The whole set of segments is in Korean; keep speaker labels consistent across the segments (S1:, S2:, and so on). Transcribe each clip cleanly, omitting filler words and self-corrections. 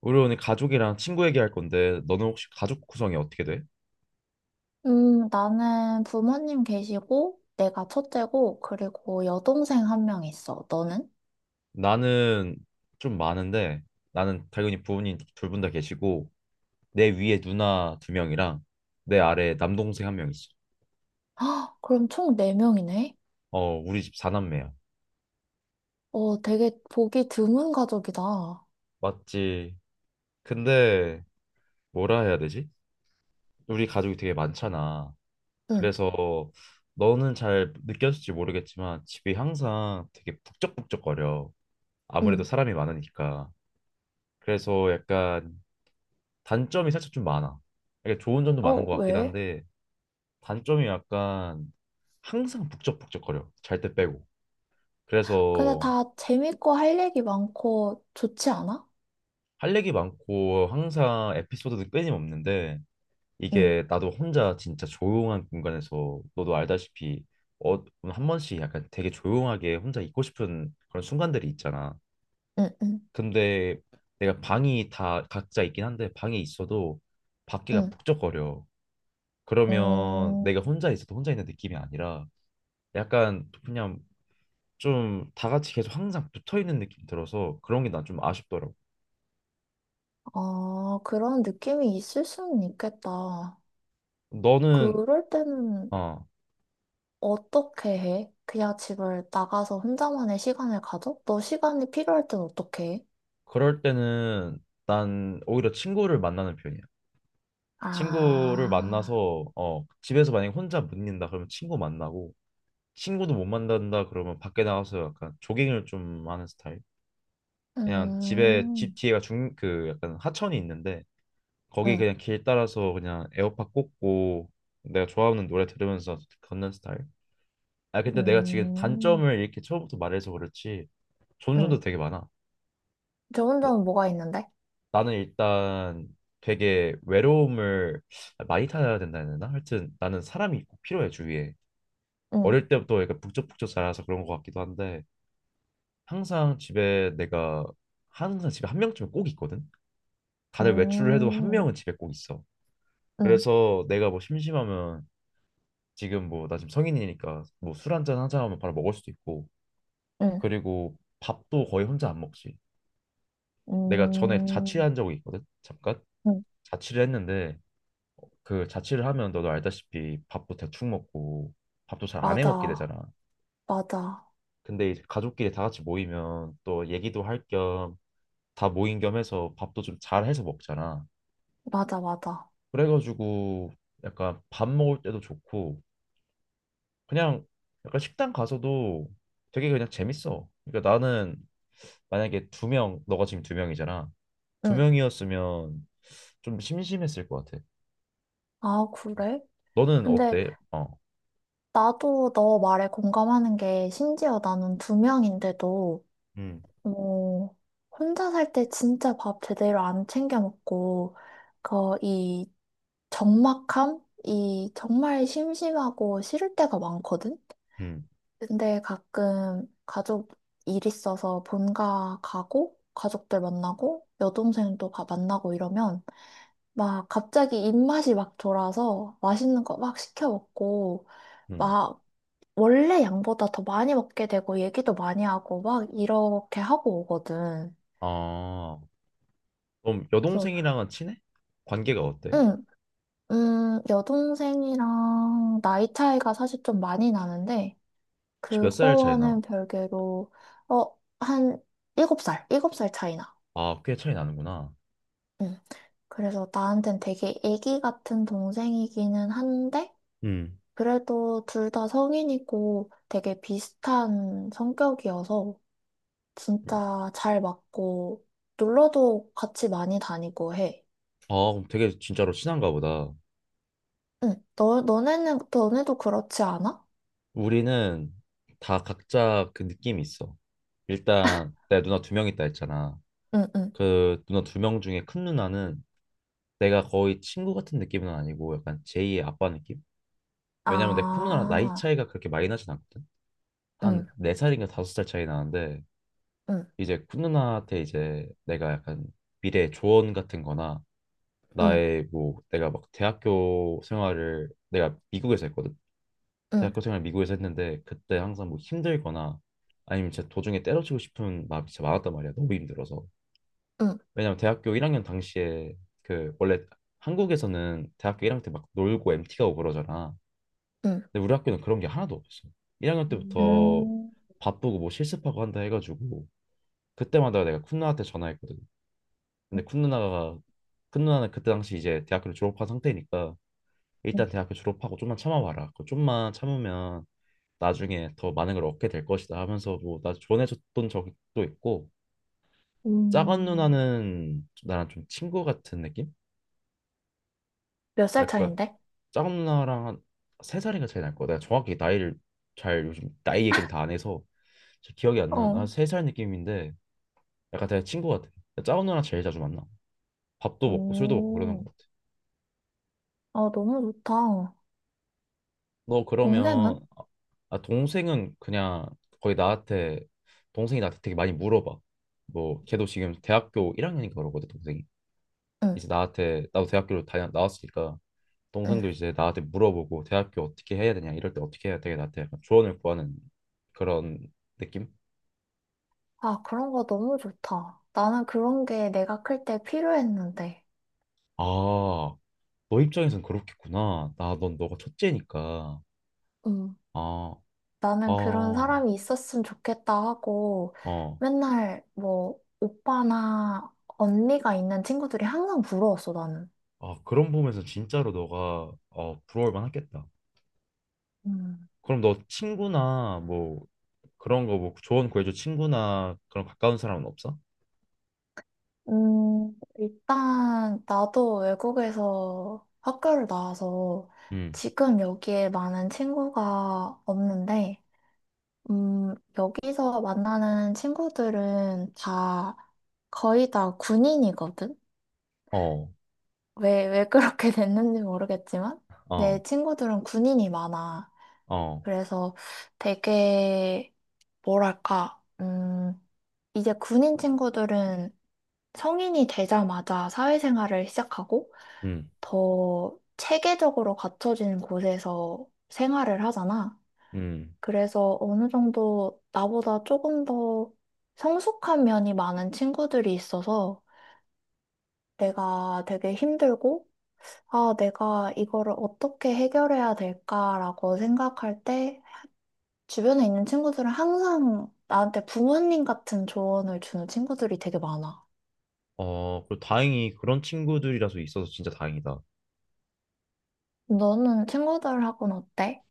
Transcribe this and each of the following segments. S1: 우리 오늘 가족이랑 친구 얘기할 건데 너는 혹시 가족 구성이 어떻게 돼?
S2: 나는 부모님 계시고, 내가 첫째고, 그리고 여동생 한 명 있어. 너는?
S1: 나는 좀 많은데. 나는 당연히 부모님 둘 분 다 계시고 내 위에 누나 두 명이랑 내 아래에 남동생 한 명 있어.
S2: 헉, 그럼 총 네명이네.
S1: 어, 우리 집 사남매야.
S2: 어, 되게 보기 드문 가족이다.
S1: 맞지? 근데 뭐라 해야 되지? 우리 가족이 되게 많잖아.
S2: 응,
S1: 그래서 너는 잘 느꼈을지 모르겠지만 집이 항상 되게 북적북적거려. 아무래도
S2: 응.
S1: 사람이 많으니까. 그래서 약간 단점이 살짝 좀 많아. 이게 좋은 점도 많은
S2: 어,
S1: 것 같긴
S2: 왜?
S1: 한데 단점이 약간 항상 북적북적거려. 잘 때 빼고.
S2: 근데
S1: 그래서
S2: 다 재밌고 할 얘기 많고 좋지 않아?
S1: 할 얘기 많고 항상 에피소드도 끊임없는데
S2: 응,
S1: 이게 나도 혼자 진짜 조용한 공간에서 너도 알다시피 어, 한 번씩 약간 되게 조용하게 혼자 있고 싶은 그런 순간들이 있잖아.
S2: 응, 응,
S1: 근데 내가 방이 다 각자 있긴 한데 방에 있어도 밖에가
S2: 응.
S1: 북적거려. 그러면
S2: 음,
S1: 내가 혼자 있어도 혼자 있는 느낌이 아니라 약간 그냥 좀 다 같이 계속 항상 붙어 있는 느낌 들어서 그런 게 난 좀 아쉽더라고.
S2: 아, 그런 느낌이 있을 수는 있겠다.
S1: 너는.
S2: 그럴 때는
S1: 어
S2: 어떻게 해? 그냥 집을 나가서 혼자만의 시간을 가져? 너 시간이 필요할 땐 어떻게 해?
S1: 그럴 때는 난 오히려 친구를 만나는 편이야. 친구를
S2: 아,
S1: 만나서 어 집에서 만약에 혼자 못 있는다 그러면 친구 만나고 친구도 못 만난다 그러면 밖에 나가서 약간 조깅을 좀 하는 스타일. 그냥 집에 집
S2: 음,
S1: 뒤에가 중 그 약간 하천이 있는데 거기
S2: 음,
S1: 그냥 길 따라서 그냥 에어팟 꽂고 내가 좋아하는 노래 들으면서 걷는 스타일. 아 근데 내가 지금
S2: 음,
S1: 단점을 이렇게 처음부터 말해서 그렇지 좋은
S2: 응.
S1: 점도 되게 많아.
S2: 좋은
S1: 나,
S2: 점은 뭐가 있는데?
S1: 나는 일단 되게 외로움을 많이 타야 된다 해야 되나? 하여튼 나는 사람이 꼭 필요해 주위에.
S2: 음,
S1: 어릴 때부터 약간 북적북적 자라서 그런 것 같기도 한데 항상 집에 내가 항상 집에 한 명쯤은 꼭 있거든. 다들 외출을 해도 한
S2: 음,
S1: 명은 집에 꼭 있어.
S2: 음,
S1: 그래서 내가 뭐 심심하면 지금 뭐 나 지금 성인이니까 뭐 술 한잔 하자 하면 바로 먹을 수도 있고
S2: 응,
S1: 그리고 밥도 거의 혼자 안 먹지. 내가 전에
S2: 음,
S1: 자취한 적이 있거든. 잠깐
S2: 응.
S1: 자취를 했는데 그 자취를 하면 너도 알다시피 밥도 대충 먹고 밥도 잘 안 해 먹게
S2: 맞아,
S1: 되잖아.
S2: 맞아,
S1: 근데 이제 가족끼리 다 같이 모이면 또 얘기도 할 겸 다 모인 겸 해서 밥도 좀 잘 해서 먹잖아.
S2: 맞아, 맞아.
S1: 그래가지고 약간 밥 먹을 때도 좋고 그냥 약간 식당 가서도 되게 그냥 재밌어. 그러니까 나는 만약에 두 명, 너가 지금 두 명이잖아. 두
S2: 응.
S1: 명이었으면 좀 심심했을 것 같아.
S2: 아, 그래?
S1: 너는
S2: 근데
S1: 어때? 어,
S2: 나도 너 말에 공감하는 게 심지어 나는 두 명인데도
S1: 음.
S2: 어, 혼자 살 때 진짜 밥 제대로 안 챙겨 먹고, 그, 이 적막함? 이 정말 심심하고 싫을 때가 많거든?
S1: 음,
S2: 근데 가끔 가족 일 있어서 본가 가고, 가족들 만나고, 여동생도 가 만나고 이러면, 막 갑자기 입맛이 막 돌아서 맛있는 거 막 시켜 먹고,
S1: 음.
S2: 막 원래 양보다 더 많이 먹게 되고, 얘기도 많이 하고, 막 이렇게 하고 오거든.
S1: 아, 그럼 여동생이랑은 친해? 관계가 어때?
S2: 응, 여동생이랑 나이 차이가 사실 좀 많이 나는데,
S1: 혹시 몇 살 차이 나?
S2: 그거와는 별개로, 어, 한 7살 차이 나.
S1: 아, 꽤 차이 나는구나.
S2: 응. 그래서 나한텐 되게 애기 같은 동생이기는 한데,
S1: 음.
S2: 그래도 둘 다 성인이고 되게 비슷한 성격이어서
S1: 음.
S2: 진짜 잘 맞고, 놀러도 같이 많이 다니고 해.
S1: 아, 그럼 되게 진짜로 친한가 보다.
S2: 응, 너네는, 너네도 그렇지 않아?
S1: 우리는 다 각자 그 느낌이 있어. 일단 내 누나 두 명 있다 했잖아.
S2: 응, 응.
S1: 그 누나 두 명 중에 큰 누나는 내가 거의 친구 같은 느낌은 아니고 약간 제2의 아빠 느낌? 왜냐면 내 큰 누나랑 나이
S2: 아.
S1: 차이가 그렇게 많이 나진 않거든. 한
S2: 응,
S1: 네살인가 다섯 살 차이 나는데
S2: 응,
S1: 이제 쿤누나한테 이제 내가 약간 미래 조언 같은 거나
S2: 응,
S1: 나의 뭐 내가 막 대학교 생활을 내가 미국에서 했거든.
S2: 응,
S1: 대학교 생활 미국에서 했는데 그때 항상 뭐 힘들거나 아니면 진짜 도중에 때려치고 싶은 마음이 진짜 많았단 말이야. 너무 힘들어서.
S2: 응,
S1: 왜냐면 대학교 1학년 당시에 그 원래 한국에서는 대학교 1학년 때 막 놀고 MT 가고 그러잖아.
S2: 응.
S1: 근데 우리 학교는 그런 게 하나도 없었어. 1학년 때부터
S2: 음,
S1: 바쁘고 뭐 실습하고 한다 해가지고 그때마다 내가 쿤나한테 전화했거든. 근데 큰 누나는 그때 당시 이제 대학교를 졸업한 상태니까
S2: 음,
S1: 일단 대학교 졸업하고 좀만 참아봐라. 그 좀만 참으면 나중에 더 많은 걸 얻게 될 것이다 하면서 뭐나 조언해줬던 적도 있고 작은
S2: 음,
S1: 누나는 좀 나랑 좀 친구 같은 느낌?
S2: 몇 살
S1: 약간
S2: 차인데?
S1: 작은 누나랑 한 세 살인가 차이 날 거야. 내가 정확히 나이를 잘 요즘 나이 얘기를 다 안 해서 잘 기억이 안 나.
S2: 어,
S1: 한세살 느낌인데 약간 되게 친구 같아. 작은 누나랑 제일 자주 만나. 밥도 먹고 술도 먹고 그러는 것
S2: 음,
S1: 같아.
S2: 아, 너무 좋다.
S1: 너 그러면
S2: 동생은?
S1: 아, 동생은 그냥 거의 나한테 동생이 나한테 되게 많이 물어봐. 뭐 걔도 지금 대학교 1학년인가 그러거든 동생이.
S2: 응,
S1: 이제 나한테 나도 대학교를 다녀 나왔으니까
S2: 응.
S1: 동생도 이제 나한테 물어보고 대학교 어떻게 해야 되냐 이럴 때 어떻게 해야 되게 나한테 약간 조언을 구하는 그런 느낌?
S2: 아, 그런 거 너무 좋다. 나는 그런 게 내가 클 때 필요했는데.
S1: 아, 너 입장에선 그렇겠구나. 나 넌 너가 첫째니까.
S2: 응,
S1: 아,
S2: 나는 그런
S1: 아,
S2: 사람이 있었으면 좋겠다 하고
S1: 어.
S2: 맨날 뭐 오빠나 언니가 있는 친구들이 항상 부러웠어, 나는.
S1: 아, 그런 부분에서 진짜로 너가 어, 부러울 만하겠다. 그럼 너 친구나 뭐 그런 거 뭐 조언 구해줘 친구나 그런 가까운 사람은 없어?
S2: 일단 나도 외국에서 학교를 나와서
S1: 응.
S2: 지금 여기에 많은 친구가 없는데, 여기서 만나는 친구들은 다 거의 다 군인이거든?
S1: 어,
S2: 왜 그렇게 됐는지 모르겠지만,
S1: 어,
S2: 내 친구들은 군인이 많아.
S1: 어,
S2: 그래서 되게, 뭐랄까, 이제 군인 친구들은 성인이 되자마자 사회생활을 시작하고,
S1: 응,
S2: 더 체계적으로 갖춰진 곳에서 생활을 하잖아.
S1: 응.
S2: 그래서 어느 정도 나보다 조금 더 성숙한 면이 많은 친구들이 있어서 내가 되게 힘들고, 아, 내가 이거를 어떻게 해결해야 될까라고 생각할 때 주변에 있는 친구들은 항상 나한테 부모님 같은 조언을 주는 친구들이 되게 많아.
S1: 어, 그리고 다행히 그런 친구들이라서 있어서 진짜 다행이다.
S2: 너는 친구들하고는 어때?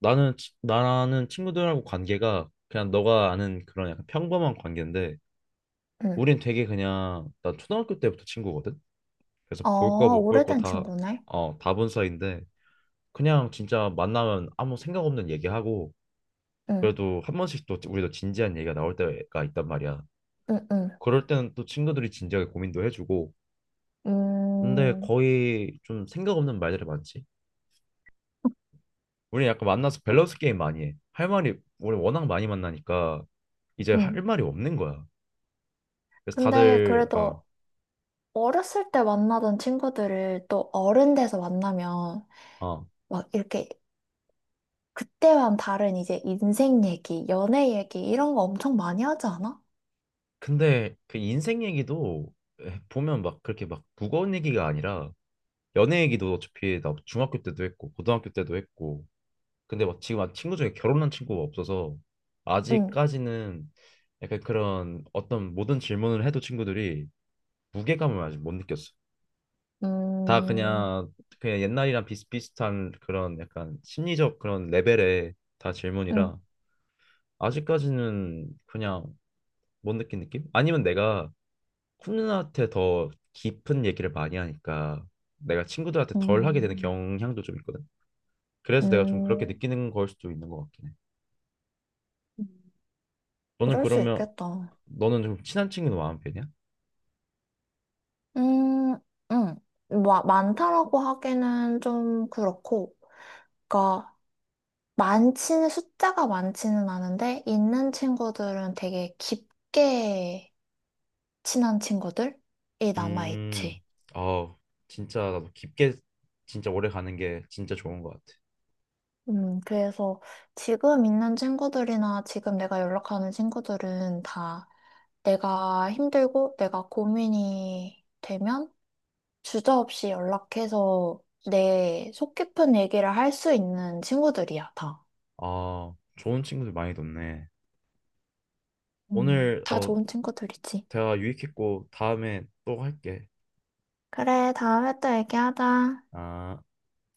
S1: 나는 친구들하고 관계가 그냥 너가 아는 그런 약간 평범한 관계인데
S2: 응.
S1: 우린 되게 그냥 나 초등학교 때부터 친구거든. 그래서 볼 거
S2: 어,
S1: 못 볼 거
S2: 오래된
S1: 다,
S2: 친구네?
S1: 어, 다 본 사이인데 그냥 진짜 만나면 아무 생각 없는 얘기하고
S2: 응,
S1: 그래도 한 번씩 또 우리도 진지한 얘기가 나올 때가 있단 말이야.
S2: 응, 응.
S1: 그럴 때는 또 친구들이 진지하게 고민도 해주고. 근데
S2: 음,
S1: 거의 좀 생각 없는 말들이 많지. 우리 약간 만나서 밸런스 게임 많이 해. 할 말이 우리 워낙 많이 만나니까 이제
S2: 음.
S1: 할 말이 없는 거야. 그래서
S2: 근데
S1: 다들 어,
S2: 그래도 어렸을 때 만나던 친구들을 또 어른 돼서 만나면
S1: 어.
S2: 막 이렇게 그때와는 다른 이제 인생 얘기, 연애 얘기 이런 거 엄청 많이 하지 않아?
S1: 근데 그 인생 얘기도 보면 막 그렇게 막 무거운 얘기가 아니라 연애 얘기도 어차피 나 중학교 때도 했고 고등학교 때도 했고 근데 막 지금 막 친구 중에 결혼한 친구가 없어서
S2: 응,
S1: 아직까지는 약간 그런 어떤 모든 질문을 해도 친구들이 무게감을 아직 못 느꼈어. 다
S2: 음,
S1: 그냥 그냥 옛날이랑 비슷비슷한 그런 약간 심리적 그런 레벨의 다 질문이라
S2: 음,
S1: 아직까지는 그냥 못 느낀 느낌? 아니면 내가 쿤누나한테 더 깊은 얘기를 많이 하니까 내가 친구들한테 덜 하게 되는
S2: 음,
S1: 경향도 좀 있거든. 그래서 내가 좀 그렇게
S2: 음,
S1: 느끼는 걸 수도 있는 것 같긴 해. 너는
S2: 그럴 수
S1: 그러면
S2: 있겠다.
S1: 너는 좀 친한 친구도 많은 편이야?
S2: 음, 음, 뭐, 많다라고 하기는 좀 그렇고, 그니까 많지는, 숫자가 많지는 않은데, 있는 친구들은 되게 깊게 친한 친구들이
S1: 음,
S2: 남아있지.
S1: 아, 진짜 나도 깊게 진짜 오래 가는 게 진짜 좋은 것 같아.
S2: 그래서 지금 있는 친구들이나 지금 내가 연락하는 친구들은 다 내가 힘들고 내가 고민이 되면 주저없이 연락해서 내 속 깊은 얘기를 할 수 있는 친구들이야, 다.
S1: 아, 좋은 친구들 많이 뒀네. 오늘
S2: 다
S1: 어
S2: 좋은 친구들이지.
S1: 대화 유익했고 다음에 또 할게.
S2: 그래, 다음에 또 얘기하자.
S1: 아.